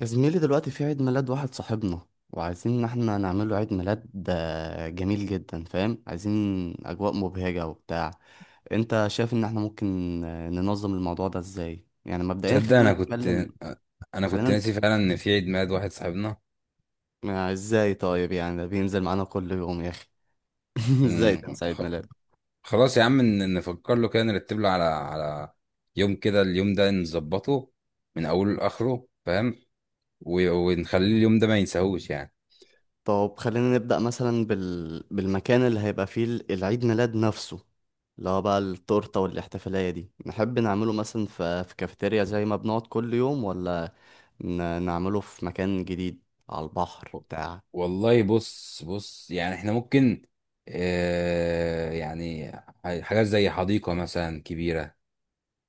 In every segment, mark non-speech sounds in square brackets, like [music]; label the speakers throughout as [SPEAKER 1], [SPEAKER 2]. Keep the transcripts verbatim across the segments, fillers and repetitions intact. [SPEAKER 1] يا زميلي، دلوقتي في عيد ميلاد واحد صاحبنا وعايزين ان احنا نعمله عيد ميلاد آه، جميل جدا. فاهم؟ عايزين اجواء مبهجة وبتاع. انت شايف ان احنا ممكن آه، ننظم الموضوع ده ازاي؟ يعني مبدئيا
[SPEAKER 2] تصدق،
[SPEAKER 1] خلينا
[SPEAKER 2] انا كنت
[SPEAKER 1] نتكلم.
[SPEAKER 2] انا
[SPEAKER 1] خلينا
[SPEAKER 2] كنت
[SPEAKER 1] نت-
[SPEAKER 2] ناسي فعلا ان في عيد ميلاد واحد صاحبنا.
[SPEAKER 1] آه، ازاي طيب؟ يعني ده بينزل معانا كل يوم يا اخي. [laughs] ازاي
[SPEAKER 2] مم.
[SPEAKER 1] تنسى
[SPEAKER 2] خ-
[SPEAKER 1] عيد ميلاد؟
[SPEAKER 2] خلاص يا عم، ن- نفكر له كده، نرتب له على على يوم كده. اليوم ده نظبطه من اوله لاخره، فاهم؟ و- ونخليه اليوم ده ما ينساهوش يعني.
[SPEAKER 1] طب خلينا نبدأ مثلا بال... بالمكان اللي هيبقى فيه ال- العيد ميلاد نفسه، اللي هو بقى التورتة والاحتفالية دي. نحب نعمله مثلا في, في كافيتيريا زي ما بنقعد كل يوم، ولا ن... نعمله في مكان جديد على البحر
[SPEAKER 2] و-
[SPEAKER 1] بتاع؟
[SPEAKER 2] والله بص بص، يعني احنا ممكن، آه يعني ح- حاجات زي حديقة مثلا كبيرة.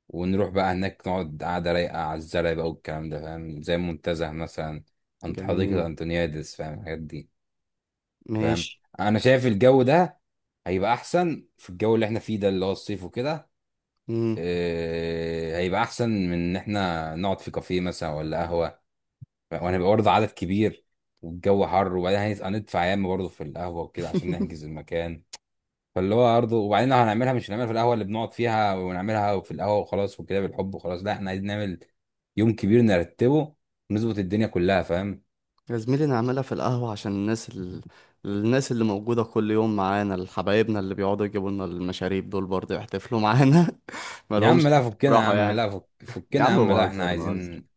[SPEAKER 2] ونروح بقى هناك نقعد قعدة رايقة على الزرع بقى والكلام ده، فاهم؟ زي منتزه مثلا، عند حديقة
[SPEAKER 1] جميل.
[SPEAKER 2] أنتونيادس، فاهم الحاجات دي؟ فاهم،
[SPEAKER 1] ماشي.
[SPEAKER 2] أنا شايف الجو ده هيبقى أحسن. في الجو اللي احنا فيه ده اللي هو الصيف وكده،
[SPEAKER 1] مم.
[SPEAKER 2] إيه هيبقى أحسن من إن احنا نقعد في كافيه مثلا ولا قهوة. وهنبقى برضه عدد كبير والجو حر، وبعدين هندفع ياما برضه في القهوة وكده عشان نحجز المكان. فاللي هو برضه، وبعدين لو هنعملها مش هنعملها في القهوه اللي بنقعد فيها ونعملها في القهوه وخلاص وكده بالحب وخلاص. لا، احنا عايزين نعمل يوم كبير نرتبه ونظبط الدنيا كلها، فاهم؟
[SPEAKER 1] يا زميلي، نعملها في القهوة عشان الناس ال... الناس اللي موجودة كل يوم معانا، الحبايبنا اللي بيقعدوا يجيبوا لنا المشاريب دول برضه يحتفلوا معانا. [laughs]
[SPEAKER 2] يا عم
[SPEAKER 1] مالهمش
[SPEAKER 2] لا، فكنا يا
[SPEAKER 1] راحوا
[SPEAKER 2] عم،
[SPEAKER 1] يعني.
[SPEAKER 2] لا فك
[SPEAKER 1] يا
[SPEAKER 2] فكنا يا
[SPEAKER 1] عم،
[SPEAKER 2] عم، لا احنا
[SPEAKER 1] بهزر بهزر.
[SPEAKER 2] عايزين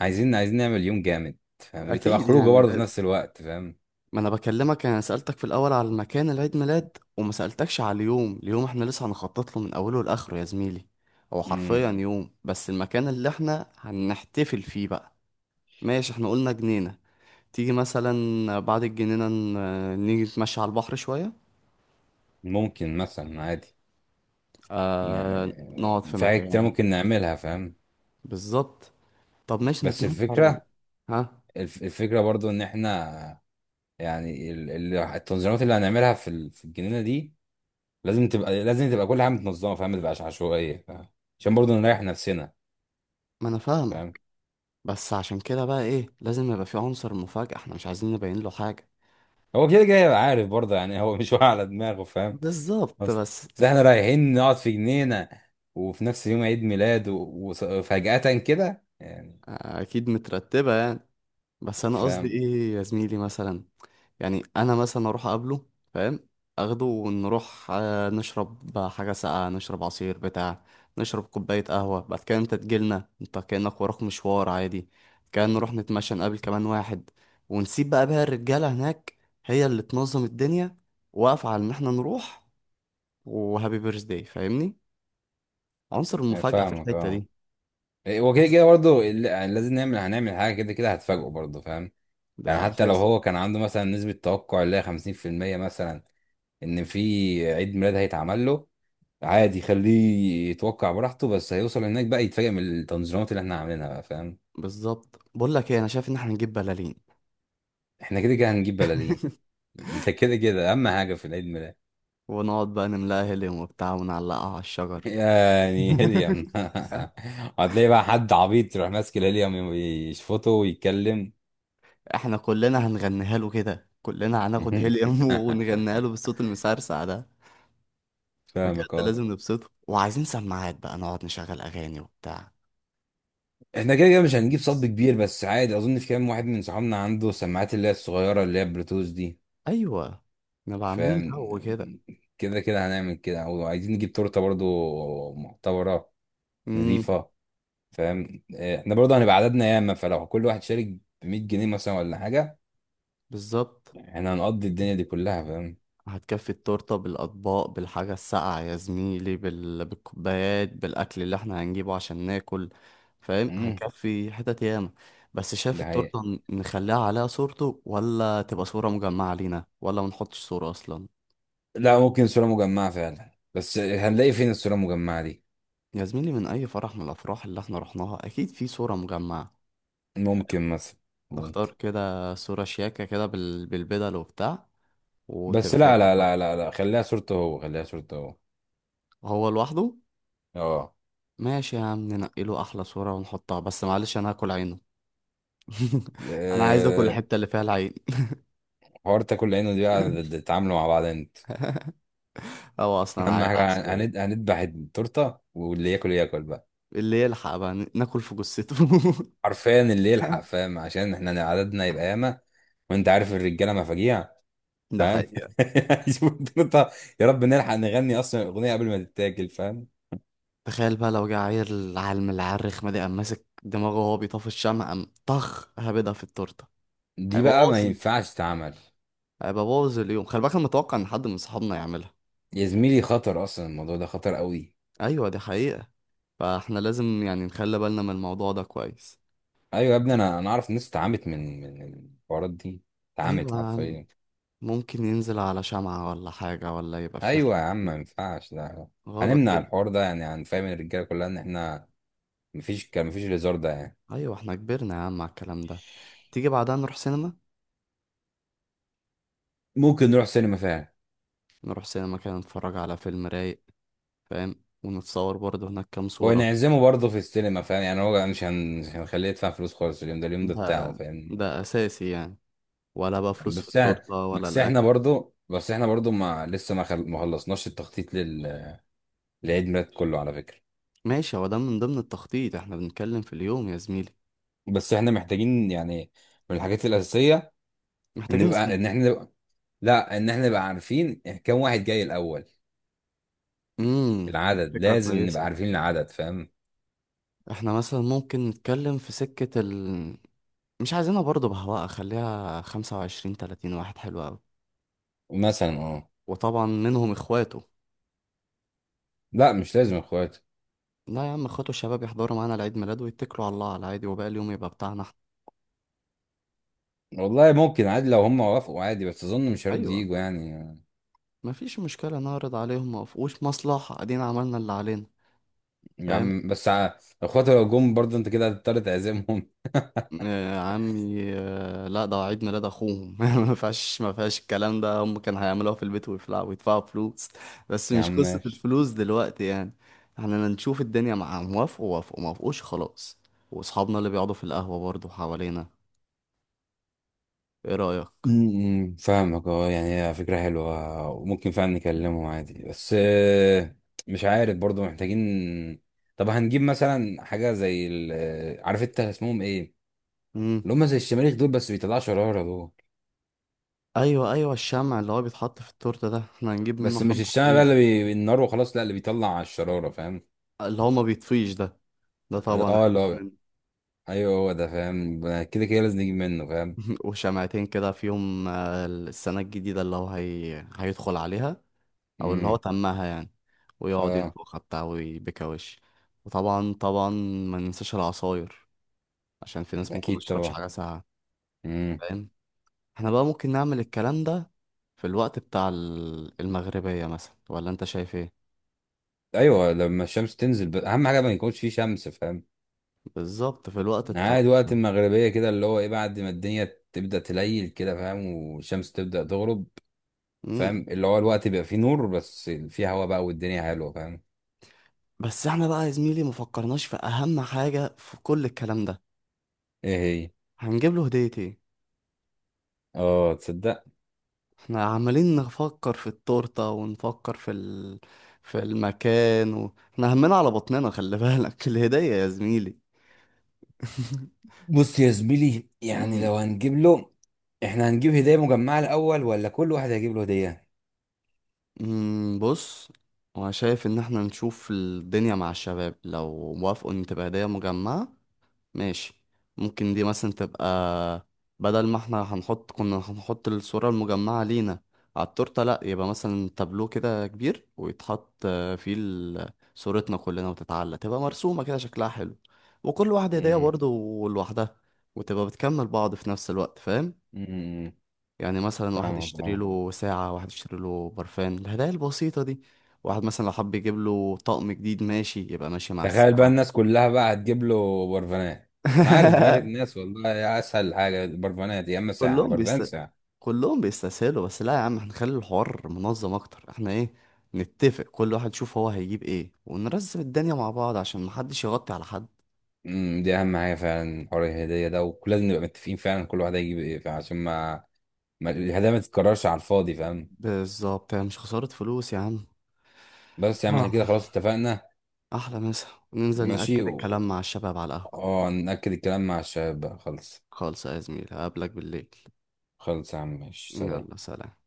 [SPEAKER 2] عايزين عايزين نعمل يوم جامد، فاهم؟ تبقى
[SPEAKER 1] اكيد
[SPEAKER 2] خروجه
[SPEAKER 1] يعني،
[SPEAKER 2] برضه في نفس الوقت، فاهم؟
[SPEAKER 1] ما انا بكلمك، انا سألتك في الاول على المكان العيد ميلاد وما سألتكش على اليوم. اليوم احنا لسه هنخطط له من اوله لاخره يا زميلي. هو
[SPEAKER 2] مم.
[SPEAKER 1] حرفيا يوم، بس المكان اللي احنا هنحتفل فيه بقى. ماشي، احنا قلنا جنينة. تيجي مثلا بعد الجنينة ن- نيجي نتمشى على البحر شوية.
[SPEAKER 2] ممكن مثلا عادي،
[SPEAKER 1] آه، نقعد
[SPEAKER 2] يعني
[SPEAKER 1] في
[SPEAKER 2] في حاجات كتير
[SPEAKER 1] مكان.
[SPEAKER 2] ممكن نعملها، فاهم.
[SPEAKER 1] بالظبط. طب، ماشي
[SPEAKER 2] بس
[SPEAKER 1] نتمشى على-
[SPEAKER 2] الفكره،
[SPEAKER 1] ها؟
[SPEAKER 2] الف- الفكره برضه ان احنا يعني ال- ال- التنظيمات اللي هنعملها في ال- في الجنينه دي لازم تبقى لازم تبقى كل حاجه متنظمه، فاهم؟ ما تبقاش عشوائيه، فاهم؟ عشان برضه نريح نفسنا،
[SPEAKER 1] ما انا
[SPEAKER 2] فاهم.
[SPEAKER 1] فاهمك. بس عشان كده بقى، ايه؟ لازم يبقى في عنصر مفاجأة، احنا مش عايزين نبين له حاجة.
[SPEAKER 2] هو كده كده هيبقى عارف برضه، يعني هو مش واقع على دماغه، فاهم؟
[SPEAKER 1] بالظبط.
[SPEAKER 2] اصل
[SPEAKER 1] بس
[SPEAKER 2] بس احنا رايحين نقعد في جنينه وفي نفس يوم عيد ميلاد و- وص- وفجأة كده يعني،
[SPEAKER 1] اكيد مترتبه يعني. بس انا قصدي
[SPEAKER 2] فاهم.
[SPEAKER 1] ايه يا زميلي، مثلا يعني انا مثلا اروح اقابله، فاهم؟ اخده ونروح آه، نشرب حاجه ساقعه، نشرب عصير بتاع، نشرب كوبايه قهوه. بعد كده انت تجيلنا، انت كانك وراك مشوار عادي، كان نروح نتمشى نقابل كمان واحد، ونسيب بقى بقى الرجاله هناك. هي اللي تنظم الدنيا، واقفه على ان احنا نروح وهابي بيرث داي. فاهمني؟ عنصر المفاجاه في
[SPEAKER 2] فاهمك
[SPEAKER 1] الحته
[SPEAKER 2] اه.
[SPEAKER 1] دي.
[SPEAKER 2] إيه، هو كده
[SPEAKER 1] بس
[SPEAKER 2] كده برضه ال- يعني لازم نعمل، هنعمل حاجه كده كده هتفاجئه برضه، فاهم.
[SPEAKER 1] ده
[SPEAKER 2] يعني حتى لو
[SPEAKER 1] اساسي.
[SPEAKER 2] هو كان عنده مثلا نسبه توقع اللي هي خمسين في المية مثلا ان في عيد ميلاد هيتعمل له، عادي خليه يتوقع براحته. بس هيوصل هناك بقى يتفاجئ من التنظيمات اللي احنا عاملينها بقى، فاهم.
[SPEAKER 1] بالظبط. بقول لك ايه؟ انا شايف ان احنا نجيب بلالين.
[SPEAKER 2] احنا كده كده هنجيب بلالين.
[SPEAKER 1] [laughs]
[SPEAKER 2] ده كده كده اهم حاجه في العيد ميلاد.
[SPEAKER 1] ونقعد بقى نملاها هيليوم وبتاع، ونعلقها على الشجر.
[SPEAKER 2] يعني
[SPEAKER 1] [laughs]
[SPEAKER 2] هيليوم. [laughs]
[SPEAKER 1] ها؟
[SPEAKER 2] هتلاقي بقى حد عبيط يروح ماسك الهيليوم يشفطه ويتكلم.
[SPEAKER 1] احنا كلنا هنغنيها له كده، كلنا هناخد هيليوم
[SPEAKER 2] [laughs]
[SPEAKER 1] [laughs] ونغنيها له بالصوت المسرسع ده. بجد
[SPEAKER 2] فاهمك اه.
[SPEAKER 1] لازم نبسطه، وعايزين سماعات بقى نقعد نشغل اغاني وبتاع.
[SPEAKER 2] احنا كده كده مش هنجيب صب
[SPEAKER 1] Yes.
[SPEAKER 2] كبير، بس عادي اظن في كام واحد من صحابنا عنده سماعات اللي هي الصغيره اللي هي بلوتوث دي،
[SPEAKER 1] ايوه، نبقى عاملين
[SPEAKER 2] فاهم.
[SPEAKER 1] جو كده.
[SPEAKER 2] كده كده هنعمل كده، وعايزين نجيب تورته برضو معتبره
[SPEAKER 1] امم.
[SPEAKER 2] نظيفه، فاهم. آه، احنا برضه هنبقى عددنا ياما، فلو كل واحد شارك ب مية جنيه مثلا ولا حاجه،
[SPEAKER 1] بالظبط.
[SPEAKER 2] احنا هنقضي الدنيا دي كلها، فاهم.
[SPEAKER 1] هتكفي التورتة بالأطباق، بالحاجة الساقعة يا زميلي، بال... بالكوبايات، بالأكل اللي احنا هنجيبه عشان ناكل. فاهم؟
[SPEAKER 2] امم.
[SPEAKER 1] هيكفي حتت ياما. بس شايف
[SPEAKER 2] ده حقيقة.
[SPEAKER 1] التورتة، ن- نخليها عليها صورته، ولا تبقى صورة مجمعة لينا، ولا ما نحطش صورة أصلا؟
[SPEAKER 2] لا، ممكن صوره مجمعه فعلا، بس هنلاقي فين الصوره المجمعه دي؟
[SPEAKER 1] يا زميلي، من أي فرح من الأفراح اللي احنا رحناها أكيد في صورة مجمعة.
[SPEAKER 2] ممكن مثلا، ممكن.
[SPEAKER 1] نختار كده صورة شياكة كده بال... بالبدل وبتاع،
[SPEAKER 2] بس
[SPEAKER 1] وتبقى هي
[SPEAKER 2] لا لا
[SPEAKER 1] الوجه.
[SPEAKER 2] لا لا لا، خليها صورته هو، خليها صورته هو.
[SPEAKER 1] هو لوحده.
[SPEAKER 2] اه.
[SPEAKER 1] ماشي يا عم، ننقي له أحلى صورة ونحطها. بس معلش، أنا هاكل عينه. [laughs] انا عايز اكل
[SPEAKER 2] آه،
[SPEAKER 1] الحته اللي فيها العين.
[SPEAKER 2] حوار تاكل عينه دي بقى
[SPEAKER 1] [laughs]
[SPEAKER 2] تتعاملوا مع بعض انت.
[SPEAKER 1] هو
[SPEAKER 2] [laughs]
[SPEAKER 1] اصلا
[SPEAKER 2] اهم
[SPEAKER 1] عيل
[SPEAKER 2] حاجه هن-
[SPEAKER 1] عسليه.
[SPEAKER 2] هندبح التورته، واللي ياكل ياكل بقى.
[SPEAKER 1] اللي يلحق بقى ن- ناكل في جثته.
[SPEAKER 2] حرفيا اللي يلحق،
[SPEAKER 1] [laughs]
[SPEAKER 2] فاهم، عشان احنا عددنا يبقى ياما. وانت عارف الرجاله مفاجيع،
[SPEAKER 1] ده
[SPEAKER 2] فاهم.
[SPEAKER 1] حقيقه.
[SPEAKER 2] [laughs] شوف الدنيا- يا رب نلحق نغني اصلا الاغنيه قبل ما تتاكل، فاهم.
[SPEAKER 1] تخيل بقى لو جه عيل عالم العرخ ما دي، قام ماسك دماغه وهو بيطفي الشمع، قام طخ هبدها في التورته.
[SPEAKER 2] دي
[SPEAKER 1] هيبقى
[SPEAKER 2] بقى ما
[SPEAKER 1] باظ.
[SPEAKER 2] ينفعش تتعمل.
[SPEAKER 1] هيبقى باظ اليوم، خلي بالك. انا متوقع ان حد من صحابنا يعملها.
[SPEAKER 2] يا زميلي خطر، اصلا الموضوع ده خطر قوي.
[SPEAKER 1] ايوه، دي حقيقه. فاحنا لازم يعني نخلي بالنا من الموضوع ده كويس.
[SPEAKER 2] ايوه يا ابني، انا انا اعرف ناس اتعمت من من الحوارات دي، اتعمت
[SPEAKER 1] ايوه يا عم،
[SPEAKER 2] حرفيا.
[SPEAKER 1] ممكن ينزل على شمعة ولا حاجه، ولا يبقى في
[SPEAKER 2] ايوه يا
[SPEAKER 1] حاجه
[SPEAKER 2] عم،
[SPEAKER 1] في-
[SPEAKER 2] ما ينفعش لا.
[SPEAKER 1] غلط
[SPEAKER 2] هنمنع
[SPEAKER 1] كده.
[SPEAKER 2] الحوار ده، يعني هنفهم الرجاله كلها ان احنا مفيش، كان مفيش الهزار ده يعني.
[SPEAKER 1] ايوه، احنا كبرنا يا عم على الكلام ده. تيجي بعدها نروح سينما؟
[SPEAKER 2] ممكن نروح سينما فعلا.
[SPEAKER 1] نروح سينما كده، نتفرج على فيلم رايق. فاهم؟ ونتصور برضه هناك كام صورة.
[SPEAKER 2] ونعزمه برضه في السينما، فاهم. يعني هو مش هن... مش هنخليه يدفع فلوس خالص، اليوم ده اليوم ده
[SPEAKER 1] ده
[SPEAKER 2] بتاعه، فاهم.
[SPEAKER 1] ده اساسي يعني، ولا بقى فلوس في
[SPEAKER 2] بس احنا
[SPEAKER 1] التورتة ولا
[SPEAKER 2] بس احنا
[SPEAKER 1] الاكل.
[SPEAKER 2] برضه بس احنا برضه ما لسه ما خل... ما خلصناش التخطيط لل... لعيد ميلاد كله على فكرة.
[SPEAKER 1] ماشي، هو ده من ضمن التخطيط، احنا بنتكلم في اليوم يا زميلي.
[SPEAKER 2] بس احنا محتاجين يعني من الحاجات الأساسية ان
[SPEAKER 1] محتاجين
[SPEAKER 2] نبقى
[SPEAKER 1] زميلي.
[SPEAKER 2] ان احنا نبقى... لا، ان احنا نبقى عارفين كم واحد جاي الأول.
[SPEAKER 1] امم.
[SPEAKER 2] العدد
[SPEAKER 1] فكرة
[SPEAKER 2] لازم نبقى
[SPEAKER 1] كويسة.
[SPEAKER 2] عارفين العدد، فاهم.
[SPEAKER 1] احنا مثلا ممكن نتكلم في سكة ال مش عايزينها برضه بهواء، خليها خمسة وعشرين تلاتين واحد، حلو أوي.
[SPEAKER 2] مثلا اه.
[SPEAKER 1] وطبعا منهم اخواته.
[SPEAKER 2] لا، مش لازم اخواتي.
[SPEAKER 1] لا يا عم، اخواته الشباب يحضروا معانا العيد ميلاد ويتكلوا على الله، على العادي، وباقي اليوم يبقى بتاعنا احنا.
[SPEAKER 2] والله ممكن عادي لو هم وافقوا، عادي، بس اظن مش هيرضوا
[SPEAKER 1] ايوه،
[SPEAKER 2] ييجوا يعني.
[SPEAKER 1] مفيش مشكله، نعرض عليهم. ما وقفوش مصلحه، ادينا عملنا اللي علينا.
[SPEAKER 2] يا
[SPEAKER 1] فاهم؟
[SPEAKER 2] عم بس ع- اخواتي لو جم برضه انت كده هتضطر تعزمهم.
[SPEAKER 1] آه عمي، آه، لا، ده عيد ميلاد اخوهم. [laughs] ما فيهاش ما فيهاش الكلام ده. هم كانوا هيعملوها في البيت ويفلعوا ويدفعوا فلوس. بس
[SPEAKER 2] [laughs] يا
[SPEAKER 1] مش
[SPEAKER 2] عم
[SPEAKER 1] قصه
[SPEAKER 2] ماشي.
[SPEAKER 1] الفلوس دلوقتي يعني. احنا نشوف الدنيا مع، موافقوا وافقوا، ما وافقوش خلاص. واصحابنا اللي بيقعدوا في القهوه برضه حوالينا. ايه رايك؟
[SPEAKER 2] م- م، فاهمك اه، يعني هي فكرة حلوة وممكن فعلا نكلمهم عادي، بس آه، مش عارف برضه، محتاجين. طب هنجيب مثلا حاجة زي ال... آه، عارف انت اسمهم ايه، اللي هم زي الشماريخ دول بس بيطلعوا شرارة دول.
[SPEAKER 1] ايوه، ايوه، الشمع اللي هو بيتحط في التورته ده احنا هنجيب منه
[SPEAKER 2] بس مش
[SPEAKER 1] حبه
[SPEAKER 2] الشمع بقى
[SPEAKER 1] حلوين.
[SPEAKER 2] اللي بي... النار وخلاص، لا، اللي بيطلع على الشرارة، فاهم.
[SPEAKER 1] اللي هو ما بيطفيش ده، ده طبعا
[SPEAKER 2] اه،
[SPEAKER 1] هنجيب
[SPEAKER 2] لا.
[SPEAKER 1] منه.
[SPEAKER 2] ايوه، هو ده، فاهم، كده كده لازم نجيب منه، فاهم.
[SPEAKER 1] [laughs] وشمعتين كده في يوم آه، السنه الجديده اللي هو هي... هيدخل عليها. او اللي هو
[SPEAKER 2] امم.
[SPEAKER 1] تمها يعني، ويقعد
[SPEAKER 2] اه.
[SPEAKER 1] ينفخها بتاع ويبكى وش. وطبعا طبعا، ما ننساش العصاير عشان في ناس ممكن ما
[SPEAKER 2] اكيد
[SPEAKER 1] تشربش
[SPEAKER 2] طبعا.
[SPEAKER 1] حاجه ساقعه.
[SPEAKER 2] مم.
[SPEAKER 1] فاهم؟ احنا بقى ممكن نعمل الكلام ده في الوقت بتاع ال- المغربيه مثلا، ولا انت شايف ايه؟
[SPEAKER 2] ايوه، لما الشمس تنزل، ب... اهم حاجه ما يكونش فيه شمس، فاهم.
[SPEAKER 1] بالظبط، في الوقت الطرب
[SPEAKER 2] عاد وقت المغربيه كده اللي هو ايه بعد ما الدنيا تبدا تليل كده، فاهم، والشمس تبدا تغرب،
[SPEAKER 1] ده.
[SPEAKER 2] فاهم، اللي هو الوقت بيبقى فيه نور بس فيه هوا بقى والدنيا حلوه، فاهم.
[SPEAKER 1] بس احنا بقى يا زميلي مفكرناش في اهم حاجة في كل الكلام ده.
[SPEAKER 2] ايه هي؟
[SPEAKER 1] هنجيب له هدية ايه؟
[SPEAKER 2] اه تصدق.
[SPEAKER 1] احنا عمالين نفكر في التورتة ونفكر في ال... في المكان و... احنا همنا على بطننا، خلي بالك. [laughs] الهدية يا زميلي! [laughs]
[SPEAKER 2] بص يا زميلي، يعني
[SPEAKER 1] أمم،
[SPEAKER 2] لو هنجيب له، احنا هنجيب هديه مجمعه الاول ولا كل واحد هيجيب له هديه؟
[SPEAKER 1] أمم، بص. انا شايف ان احنا نشوف الدنيا مع الشباب لو موافقوا ان تبقى هدية مجمعة. ماشي، ممكن دي مثلا تبقى بدل ما احنا هنحط كنا هنحط الصورة المجمعة لينا على التورتة. لأ، يبقى مثلا تابلو كده كبير، ويتحط آه، فيه ال- صورتنا كلنا، وتتعلق تبقى مرسومة كده شكلها حلو. وكل واحدة هدية
[SPEAKER 2] امم.
[SPEAKER 1] برضه لوحدها، وتبقى بتكمل بعض في نفس الوقت. فاهم؟
[SPEAKER 2] امم.
[SPEAKER 1] يعني مثلا واحد
[SPEAKER 2] فاهمك
[SPEAKER 1] يشتري
[SPEAKER 2] اه.
[SPEAKER 1] له ساعة، واحد يشتري له برفان، الهدايا البسيطة دي. واحد مثلا لو حب يجيب له طقم جديد، ماشي، يبقى ماشي مع
[SPEAKER 2] تخيل بقى
[SPEAKER 1] الساعة.
[SPEAKER 2] الناس كلها بقى هتجيب له برفانات. انا عارف دماغ الناس
[SPEAKER 1] [laughs]
[SPEAKER 2] والله، يا اسهل حاجه برفانات، يا اما ساعه،
[SPEAKER 1] كلهم
[SPEAKER 2] برفان ساعه.
[SPEAKER 1] كلهم بيستسهلوا. بس لا يا عم، احنا نخلي الحوار منظم اكتر. احنا ايه؟ نتفق كل واحد يشوف هو هيجيب ايه، ونرزم الدنيا مع بعض عشان محدش يغطي على حد.
[SPEAKER 2] امم، دي اهم حاجه فعلا، حوار الهديه ده ولازم نبقى متفقين فعلا كل واحد هيجيب ايه فعلا عشان ما, ما, الهدايا ما تتكررش على الفاضي، فاهم.
[SPEAKER 1] بالظبط، يعني مش خسارة فلوس يا عم.
[SPEAKER 2] بس يا عم احنا كده
[SPEAKER 1] آه،
[SPEAKER 2] خلاص اتفقنا.
[SPEAKER 1] احلى مسا، ننزل
[SPEAKER 2] ماشي،
[SPEAKER 1] نأكد
[SPEAKER 2] و...
[SPEAKER 1] الكلام مع الشباب على القهوة.
[SPEAKER 2] اه، نأكد الكلام مع الشباب بقى، خلص.
[SPEAKER 1] خالص يا زميلي، هقابلك بالليل.
[SPEAKER 2] خلص يا عم، ماشي، سلام.
[SPEAKER 1] يلا، سلام.